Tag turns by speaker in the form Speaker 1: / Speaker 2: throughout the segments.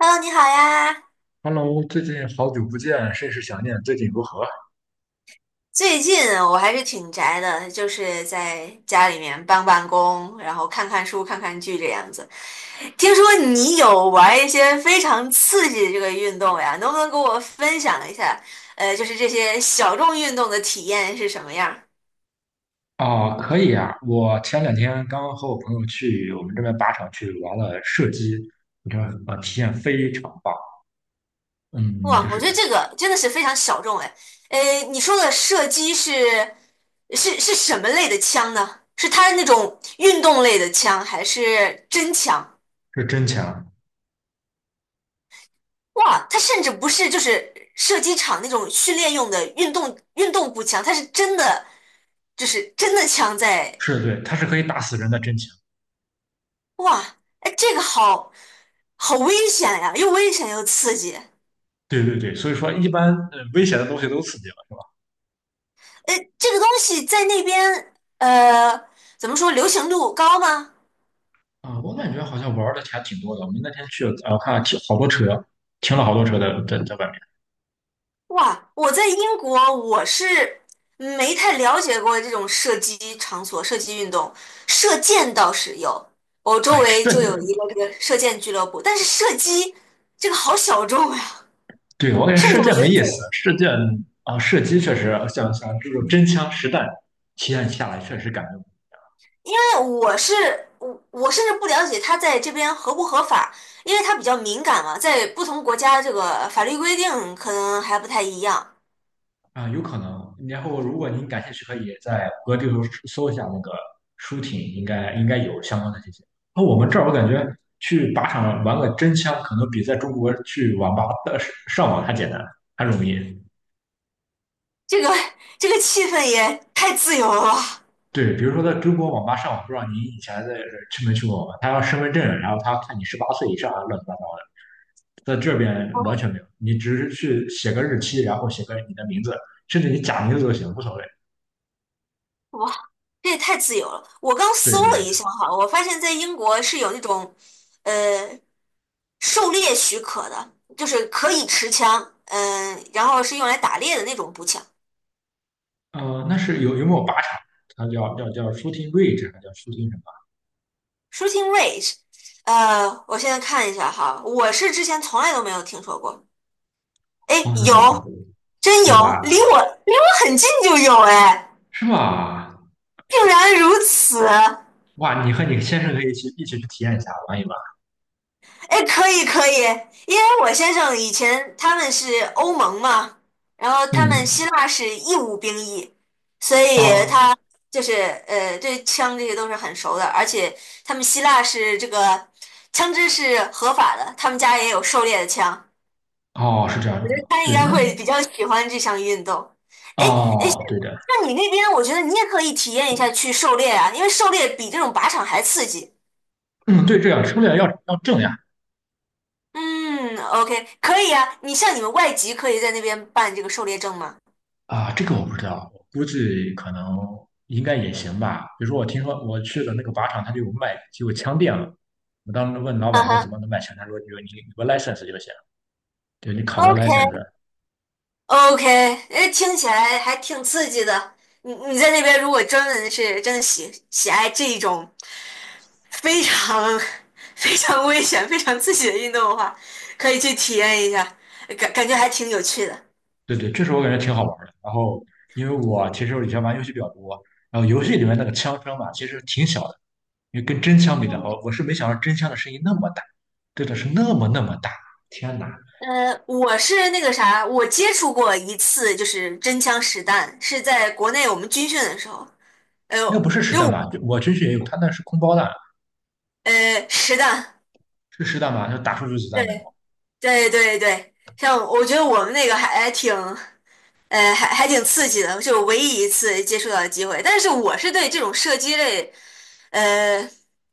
Speaker 1: Hello，你好呀！
Speaker 2: Hello，最近好久不见，甚是想念。最近如何？
Speaker 1: 最近我还是挺宅的，就是在家里面办公，然后看看书、看看剧这样子。听说你有玩一些非常刺激的这个运动呀，能不能给我分享一下？就是这些小众运动的体验是什么样儿？
Speaker 2: 哦，可以啊！我前两天刚和我朋友去我们这边靶场去玩了射击，你看，体验非常棒。嗯，就
Speaker 1: 哇，我
Speaker 2: 是
Speaker 1: 觉得这个真的是非常小众哎。你说的射击是什么类的枪呢？是它那种运动类的枪，还是真枪？
Speaker 2: 是真枪。
Speaker 1: 哇，它甚至不是就是射击场那种训练用的运动步枪，它是真的就是真的枪在，
Speaker 2: 是对，它是可以打死人的真枪。
Speaker 1: 哇，哎，这个好危险呀，又危险又刺激。
Speaker 2: 对对对，所以说一般危险的东西都刺激了。
Speaker 1: 哎，这个东西在那边怎么说流行度高吗？
Speaker 2: 啊、我感觉好像玩的还挺多的。我们那天去，我看停好多车，停了好多车在外面。
Speaker 1: 哇，我在英国，我是没太了解过这种射击场所、射击运动，射箭倒是有，我周
Speaker 2: 哎，
Speaker 1: 围就有一个这个射箭俱乐部，但是射击这个好小众呀，
Speaker 2: 对，我感觉
Speaker 1: 甚
Speaker 2: 射
Speaker 1: 至我
Speaker 2: 箭
Speaker 1: 觉
Speaker 2: 没
Speaker 1: 得在，
Speaker 2: 意思，
Speaker 1: 因
Speaker 2: 射箭啊，射击确实像这种真枪实弹体验下来，确实感觉
Speaker 1: 为我是我我甚至不了解它在这边合不合法，因为它比较敏感嘛，在不同国家这个法律规定可能还不太一样，
Speaker 2: 啊，有可能。然后，如果您感兴趣，可以在谷歌地图搜一下那个舒婷，应该有相关的信息。那我们这儿我感觉去靶场玩个真枪，可能比在中国去网吧的上网还简单，还容易。
Speaker 1: 这个 这个气氛也太自由了吧。
Speaker 2: 对，比如说在中国网吧上网，不知道您以前去没去过网吧？他要身份证，然后他看你18岁以上啊，乱七八糟的。在这边完全没有，你只是去写个日期，然后写个你的名字，甚至你假名字都行，无所谓。
Speaker 1: 哇，这也太自由了！我刚
Speaker 2: 对
Speaker 1: 搜
Speaker 2: 对
Speaker 1: 了
Speaker 2: 对，
Speaker 1: 一下哈，我发现在英国是有那种，呃，狩猎许可的，就是可以持枪，然后是用来打猎的那种步枪
Speaker 2: 那是有没有靶场？它叫 shooting range，还叫 shooting 什么？
Speaker 1: （shooting range）。我现在看一下哈，我是之前从来都没有听说过。哎，
Speaker 2: 从来都没有听
Speaker 1: 有，
Speaker 2: 过，
Speaker 1: 真
Speaker 2: 有吧？
Speaker 1: 有，离我离我很近就有哎，
Speaker 2: 是吧？
Speaker 1: 竟然如此！
Speaker 2: 哇，你和你先生可以一起去体验一下，玩一玩。
Speaker 1: 哎，可以可以，因为我先生以前他们是欧盟嘛，然后他们
Speaker 2: 嗯，
Speaker 1: 希腊是义务兵役，所以
Speaker 2: 哦
Speaker 1: 他就是对枪这些都是很熟的，而且他们希腊是这个枪支是合法的，他们家也有狩猎的枪，
Speaker 2: 哦，是这
Speaker 1: 我
Speaker 2: 样
Speaker 1: 觉
Speaker 2: 的，
Speaker 1: 得他应
Speaker 2: 对，
Speaker 1: 该
Speaker 2: 那
Speaker 1: 会比较喜欢这项运动。哎哎，诶
Speaker 2: 哦，对的，
Speaker 1: 那你那边我觉得你也可以体验一下去狩猎啊，因为狩猎比这种靶场还刺激。
Speaker 2: 嗯，对，这样，不了要正呀，
Speaker 1: 嗯，OK，可以啊。你像你们外籍可以在那边办这个狩猎证吗？
Speaker 2: 啊，这个我不知道，我估计可能应该也行吧。比如说，我听说我去的那个靶场，它就有卖就有枪店了。我当时问老
Speaker 1: 嗯
Speaker 2: 板说怎
Speaker 1: 哼
Speaker 2: 么能卖枪，他说你有个 license 就行，对你考个
Speaker 1: ，OK，OK，
Speaker 2: license。
Speaker 1: 哎，听起来还挺刺激的。你你在那边如果专门是真的喜爱这一种非常 非常危险、非常刺激的运动的话，可以去体验一下，感觉还挺有趣的。
Speaker 2: 对对，这时候我感觉挺好玩儿的。然后，因为我其实以前玩游戏比较多，然后游戏里面那个枪声嘛，其实挺小的，因为跟真枪比的话，我是没想到真枪的声音那么大，真的是那么那么大。天哪，
Speaker 1: 我是那个啥，我接触过一次，就是真枪实弹，是在国内我们军训的时候，哎
Speaker 2: 那不
Speaker 1: 呦，
Speaker 2: 是实
Speaker 1: 因为
Speaker 2: 弹吧？
Speaker 1: 我
Speaker 2: 就我军训也有，他那是空包弹，
Speaker 1: 实弹，
Speaker 2: 是实弹吧？就打出去子弹的。
Speaker 1: 对对对对，像我觉得我们那个还哎挺，还挺刺激的，是我唯一一次接触到的机会。但是我是对这种射击类，呃，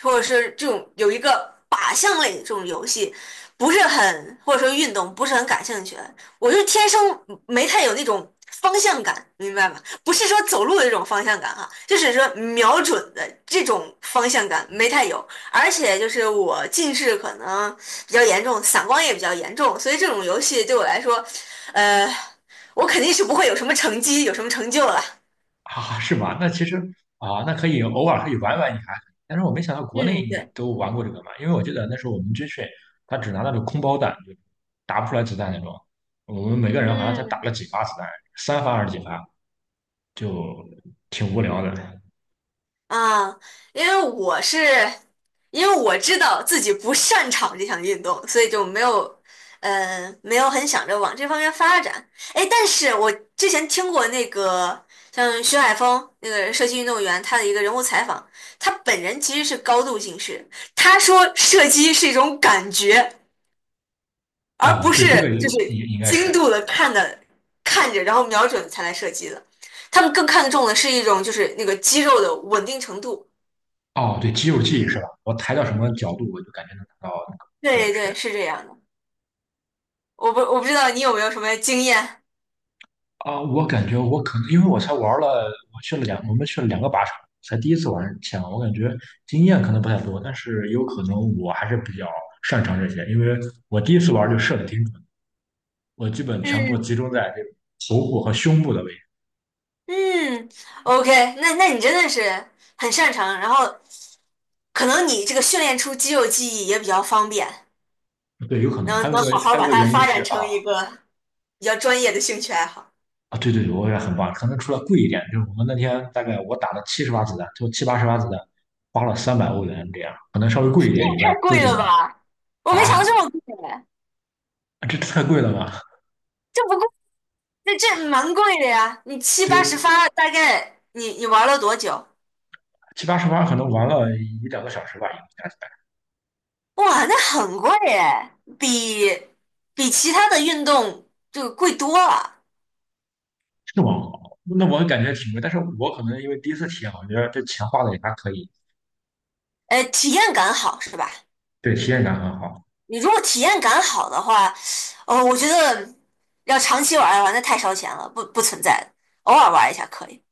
Speaker 1: 或者是这种有一个靶向类的这种游戏，不是很或者说运动不是很感兴趣。我就天生没太有那种方向感，明白吗？不是说走路的这种方向感哈，就是说瞄准的这种方向感没太有。而且就是我近视可能比较严重，散光也比较严重，所以这种游戏对我来说，呃。我肯定是不会有什么成绩，有什么成就了。
Speaker 2: 啊，是吗？那其实啊，那可以偶尔可以玩玩一下，但是我没想到国内
Speaker 1: 嗯，
Speaker 2: 你
Speaker 1: 对，
Speaker 2: 都玩过这个嘛，因为我记得那时候我们军训，他只拿那种空包弹，就打不出来子弹那种。我们每个人好像才打
Speaker 1: 嗯
Speaker 2: 了几发子弹，3发还是几发，就挺无聊的。
Speaker 1: 啊，因为我是，因为我知道自己不擅长这项运动，所以就没有，没有很想着往这方面发展。哎，但是我之前听过那个像徐海峰那个射击运动员他的一个人物采访，他本人其实是高度近视，他说射击是一种感觉，而
Speaker 2: 哦，
Speaker 1: 不是
Speaker 2: 对，这个也
Speaker 1: 就是
Speaker 2: 也应该
Speaker 1: 精
Speaker 2: 是。
Speaker 1: 度的看着，然后瞄准才来射击的。他们更看重的是一种就是那个肌肉的稳定程度。
Speaker 2: 哦，对，肌肉记忆是吧？我抬到什么角度，我就感觉能达到那个，
Speaker 1: 对
Speaker 2: 是这
Speaker 1: 对，
Speaker 2: 样。
Speaker 1: 是这样的。我不知道你有没有什么经验。
Speaker 2: 啊，我感觉我可能因为我才玩了，我们去了两个靶场，才第一次玩枪，我感觉经验可能不太多，但是有可能我还是比较擅长这些，因为我第一次玩就射的挺准，我基本全部
Speaker 1: 嗯
Speaker 2: 集中在这个头部和胸部的位
Speaker 1: 嗯，OK，那你真的是很擅长，然后可能你这个训练出肌肉记忆也比较方便，
Speaker 2: 置。对，有可能还
Speaker 1: 能
Speaker 2: 有一
Speaker 1: 能
Speaker 2: 个
Speaker 1: 好好
Speaker 2: 还有一
Speaker 1: 把
Speaker 2: 个
Speaker 1: 它
Speaker 2: 原因
Speaker 1: 发
Speaker 2: 是
Speaker 1: 展
Speaker 2: 啊
Speaker 1: 成一个比较专业的兴趣爱好。
Speaker 2: 啊，对对对，我也很棒，可能除了贵一点，就是我们那天大概我打了70发子弹，就七八十发子弹，花了300欧元这样，可能稍微贵一
Speaker 1: 这也
Speaker 2: 点以外
Speaker 1: 太
Speaker 2: 都
Speaker 1: 贵
Speaker 2: 挺
Speaker 1: 了
Speaker 2: 好
Speaker 1: 吧！我没想到
Speaker 2: 啊，
Speaker 1: 这么贵，
Speaker 2: 这太贵了吧？
Speaker 1: 这不贵那这蛮贵的呀，你七八十
Speaker 2: 对。
Speaker 1: 发，大概你玩了多久？
Speaker 2: 七八十盘可能玩了一两个小时吧，应该是
Speaker 1: 哇，那很贵哎，比其他的运动这个贵多了。
Speaker 2: 网好，那我感觉挺贵，但是我可能因为第一次体验，我觉得这钱花的也还可以，
Speaker 1: 体验感好是吧？
Speaker 2: 对，体验感很好。
Speaker 1: 你如果体验感好的话，哦，我觉得要长期玩的话，那太烧钱了，不存在的，偶尔玩一下可以。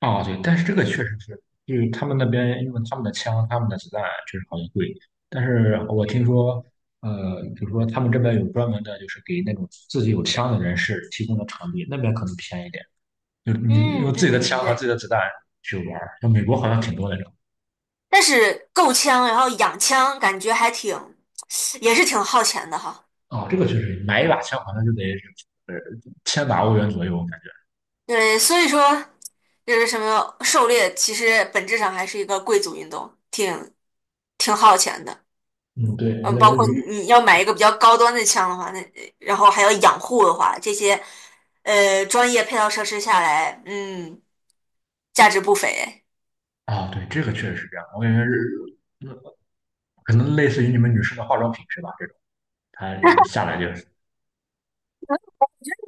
Speaker 2: 啊，对，但是这个确实是，就是他们那边因为他们的枪、他们的子弹确实好像贵，但是我听说，比如说他们这边有专门的，就是给那种自己有枪的人士提供的场地，那边可能便宜点，就是你
Speaker 1: 嗯
Speaker 2: 用自己的
Speaker 1: 嗯嗯，
Speaker 2: 枪和自
Speaker 1: 对。
Speaker 2: 己的子弹去玩儿，像美国好像挺多的。
Speaker 1: 但是够枪，然后养枪，感觉还挺，也是挺耗钱的哈。
Speaker 2: 哦，这个确实，买一把枪好像就得呃千把欧元左右，我感觉。
Speaker 1: 对，所以说就是什么狩猎，其实本质上还是一个贵族运动，挺耗钱的。
Speaker 2: 嗯，对，我
Speaker 1: 嗯，
Speaker 2: 感
Speaker 1: 包
Speaker 2: 觉
Speaker 1: 括
Speaker 2: 鱼，
Speaker 1: 你要买一个比较高端的枪的话，那然后还要养护的话，这些专业配套设施下来，嗯，价值不菲。
Speaker 2: 啊、对，这个确实是这样。我感觉是，嗯，可能类似于你们女生的化妆品是吧？这种，它下来就是，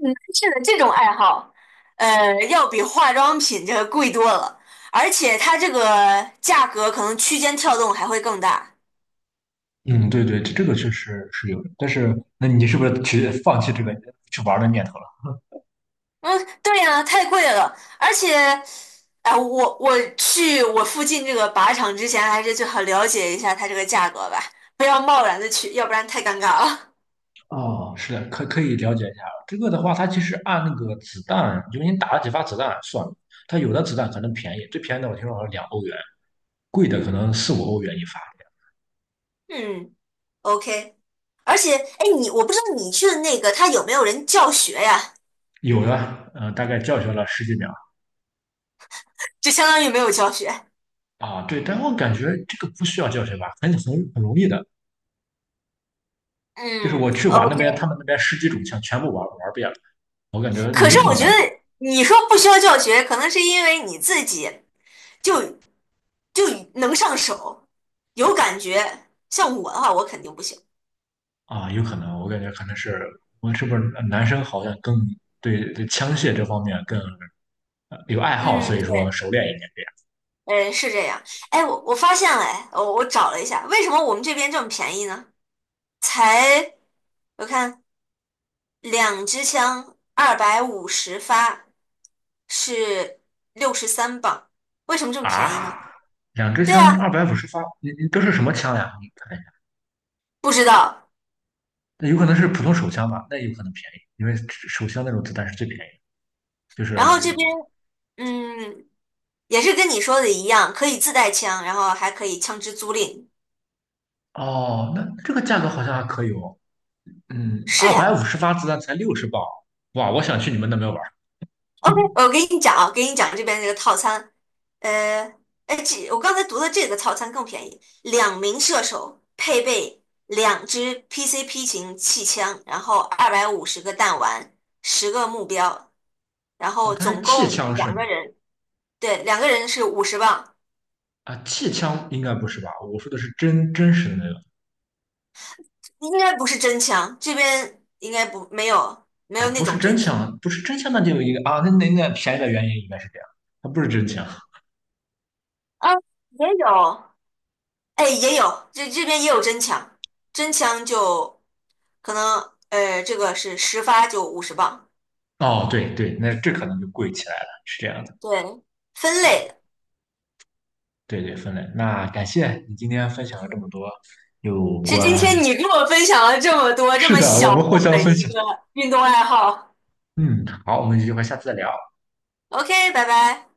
Speaker 1: 男士的这种爱好，要比化妆品这个贵多了，而且它这个价格可能区间跳动还会更大。
Speaker 2: 嗯，对对，这个确实是有的。但是，那你是不是去放弃这个去玩的念头了？
Speaker 1: 嗯，对呀，太贵了，而且，哎、我去我附近这个靶场之前，还是最好了解一下它这个价格吧，不要贸然的去，要不然太尴尬了。
Speaker 2: 啊，是的，可以了解一下。这个的话，它其实按那个子弹，就是你打了几发子弹算了。它有的子弹可能便宜，最便宜的我听说好像2欧元，贵的可能四五欧元一发。
Speaker 1: 嗯？OK，而且，哎，你我不知道你去的那个他有没有人教学呀？
Speaker 2: 有的，大概教学了十几秒
Speaker 1: 就相当于没有教学。
Speaker 2: 啊，对，但我感觉这个不需要教学吧，很容易的，就是
Speaker 1: 嗯
Speaker 2: 我去玩那
Speaker 1: ，OK。
Speaker 2: 边，他们那边十几种枪全部玩遍了，我感觉
Speaker 1: 可
Speaker 2: 没
Speaker 1: 是
Speaker 2: 什么
Speaker 1: 我觉
Speaker 2: 难
Speaker 1: 得
Speaker 2: 度
Speaker 1: 你说不需要教学，可能是因为你自己就就能上手，有感觉。像我的话，我肯定不行。
Speaker 2: 啊，有可能，我感觉可能是我们是不是男生好像更对枪械这方面更有爱好，所
Speaker 1: 嗯，
Speaker 2: 以说
Speaker 1: 对。
Speaker 2: 熟练一点
Speaker 1: 嗯，是这样。哎，我发现了，哎，我找了一下，为什么我们这边这么便宜呢？才我看两支枪250发是63磅，为什么这么便宜
Speaker 2: 啊。
Speaker 1: 呢？
Speaker 2: 两支
Speaker 1: 对啊，
Speaker 2: 枪二百五十发，你都是什么枪呀？你看一下，
Speaker 1: 不知道。
Speaker 2: 那有可能是普通手枪吧，那有可能便宜，因为手枪那种子弹是最便宜，就是
Speaker 1: 然后这边嗯，也是跟你说的一样，可以自带枪，然后还可以枪支租赁。
Speaker 2: 哦，那这个价格好像还可以哦。嗯，
Speaker 1: 是
Speaker 2: 二百五
Speaker 1: 呀，
Speaker 2: 十发子弹才60磅，哇！我想去你们那边玩儿。
Speaker 1: OK，我跟你讲啊，给你讲这边这个套餐，呃，哎，这我刚才读的这个套餐更便宜，两名射手配备两支 PCP 型气枪，然后250个弹丸，10个目标，然
Speaker 2: 哦，
Speaker 1: 后
Speaker 2: 它是
Speaker 1: 总
Speaker 2: 气
Speaker 1: 共
Speaker 2: 枪是
Speaker 1: 两
Speaker 2: 吗？
Speaker 1: 个人，对，两个人是五十磅，
Speaker 2: 啊，气枪应该不是吧？我说的是真实的那个
Speaker 1: 应该不是真枪，这边应该不没有没
Speaker 2: 啊，
Speaker 1: 有那
Speaker 2: 不是
Speaker 1: 种
Speaker 2: 真
Speaker 1: 真枪
Speaker 2: 枪，不是真枪，那就有一个啊，那便宜的原因应该是这样，它不是真枪。
Speaker 1: 啊，也有哎，也有，这边也有真枪，真枪就可能，这个是十发就五十磅，
Speaker 2: 哦，对对，那这可能就贵起来了，是这样的。
Speaker 1: 对，分类的。
Speaker 2: 对对，分类。那感谢你今天分享了这么多有
Speaker 1: 是今
Speaker 2: 关。
Speaker 1: 天你跟我分享了这么多，这
Speaker 2: 是
Speaker 1: 么
Speaker 2: 的，我
Speaker 1: 小
Speaker 2: 们互
Speaker 1: 众
Speaker 2: 相
Speaker 1: 的
Speaker 2: 分
Speaker 1: 一
Speaker 2: 享。
Speaker 1: 个运动爱好。
Speaker 2: 嗯，好，我们有机会下次再聊。
Speaker 1: OK，拜拜。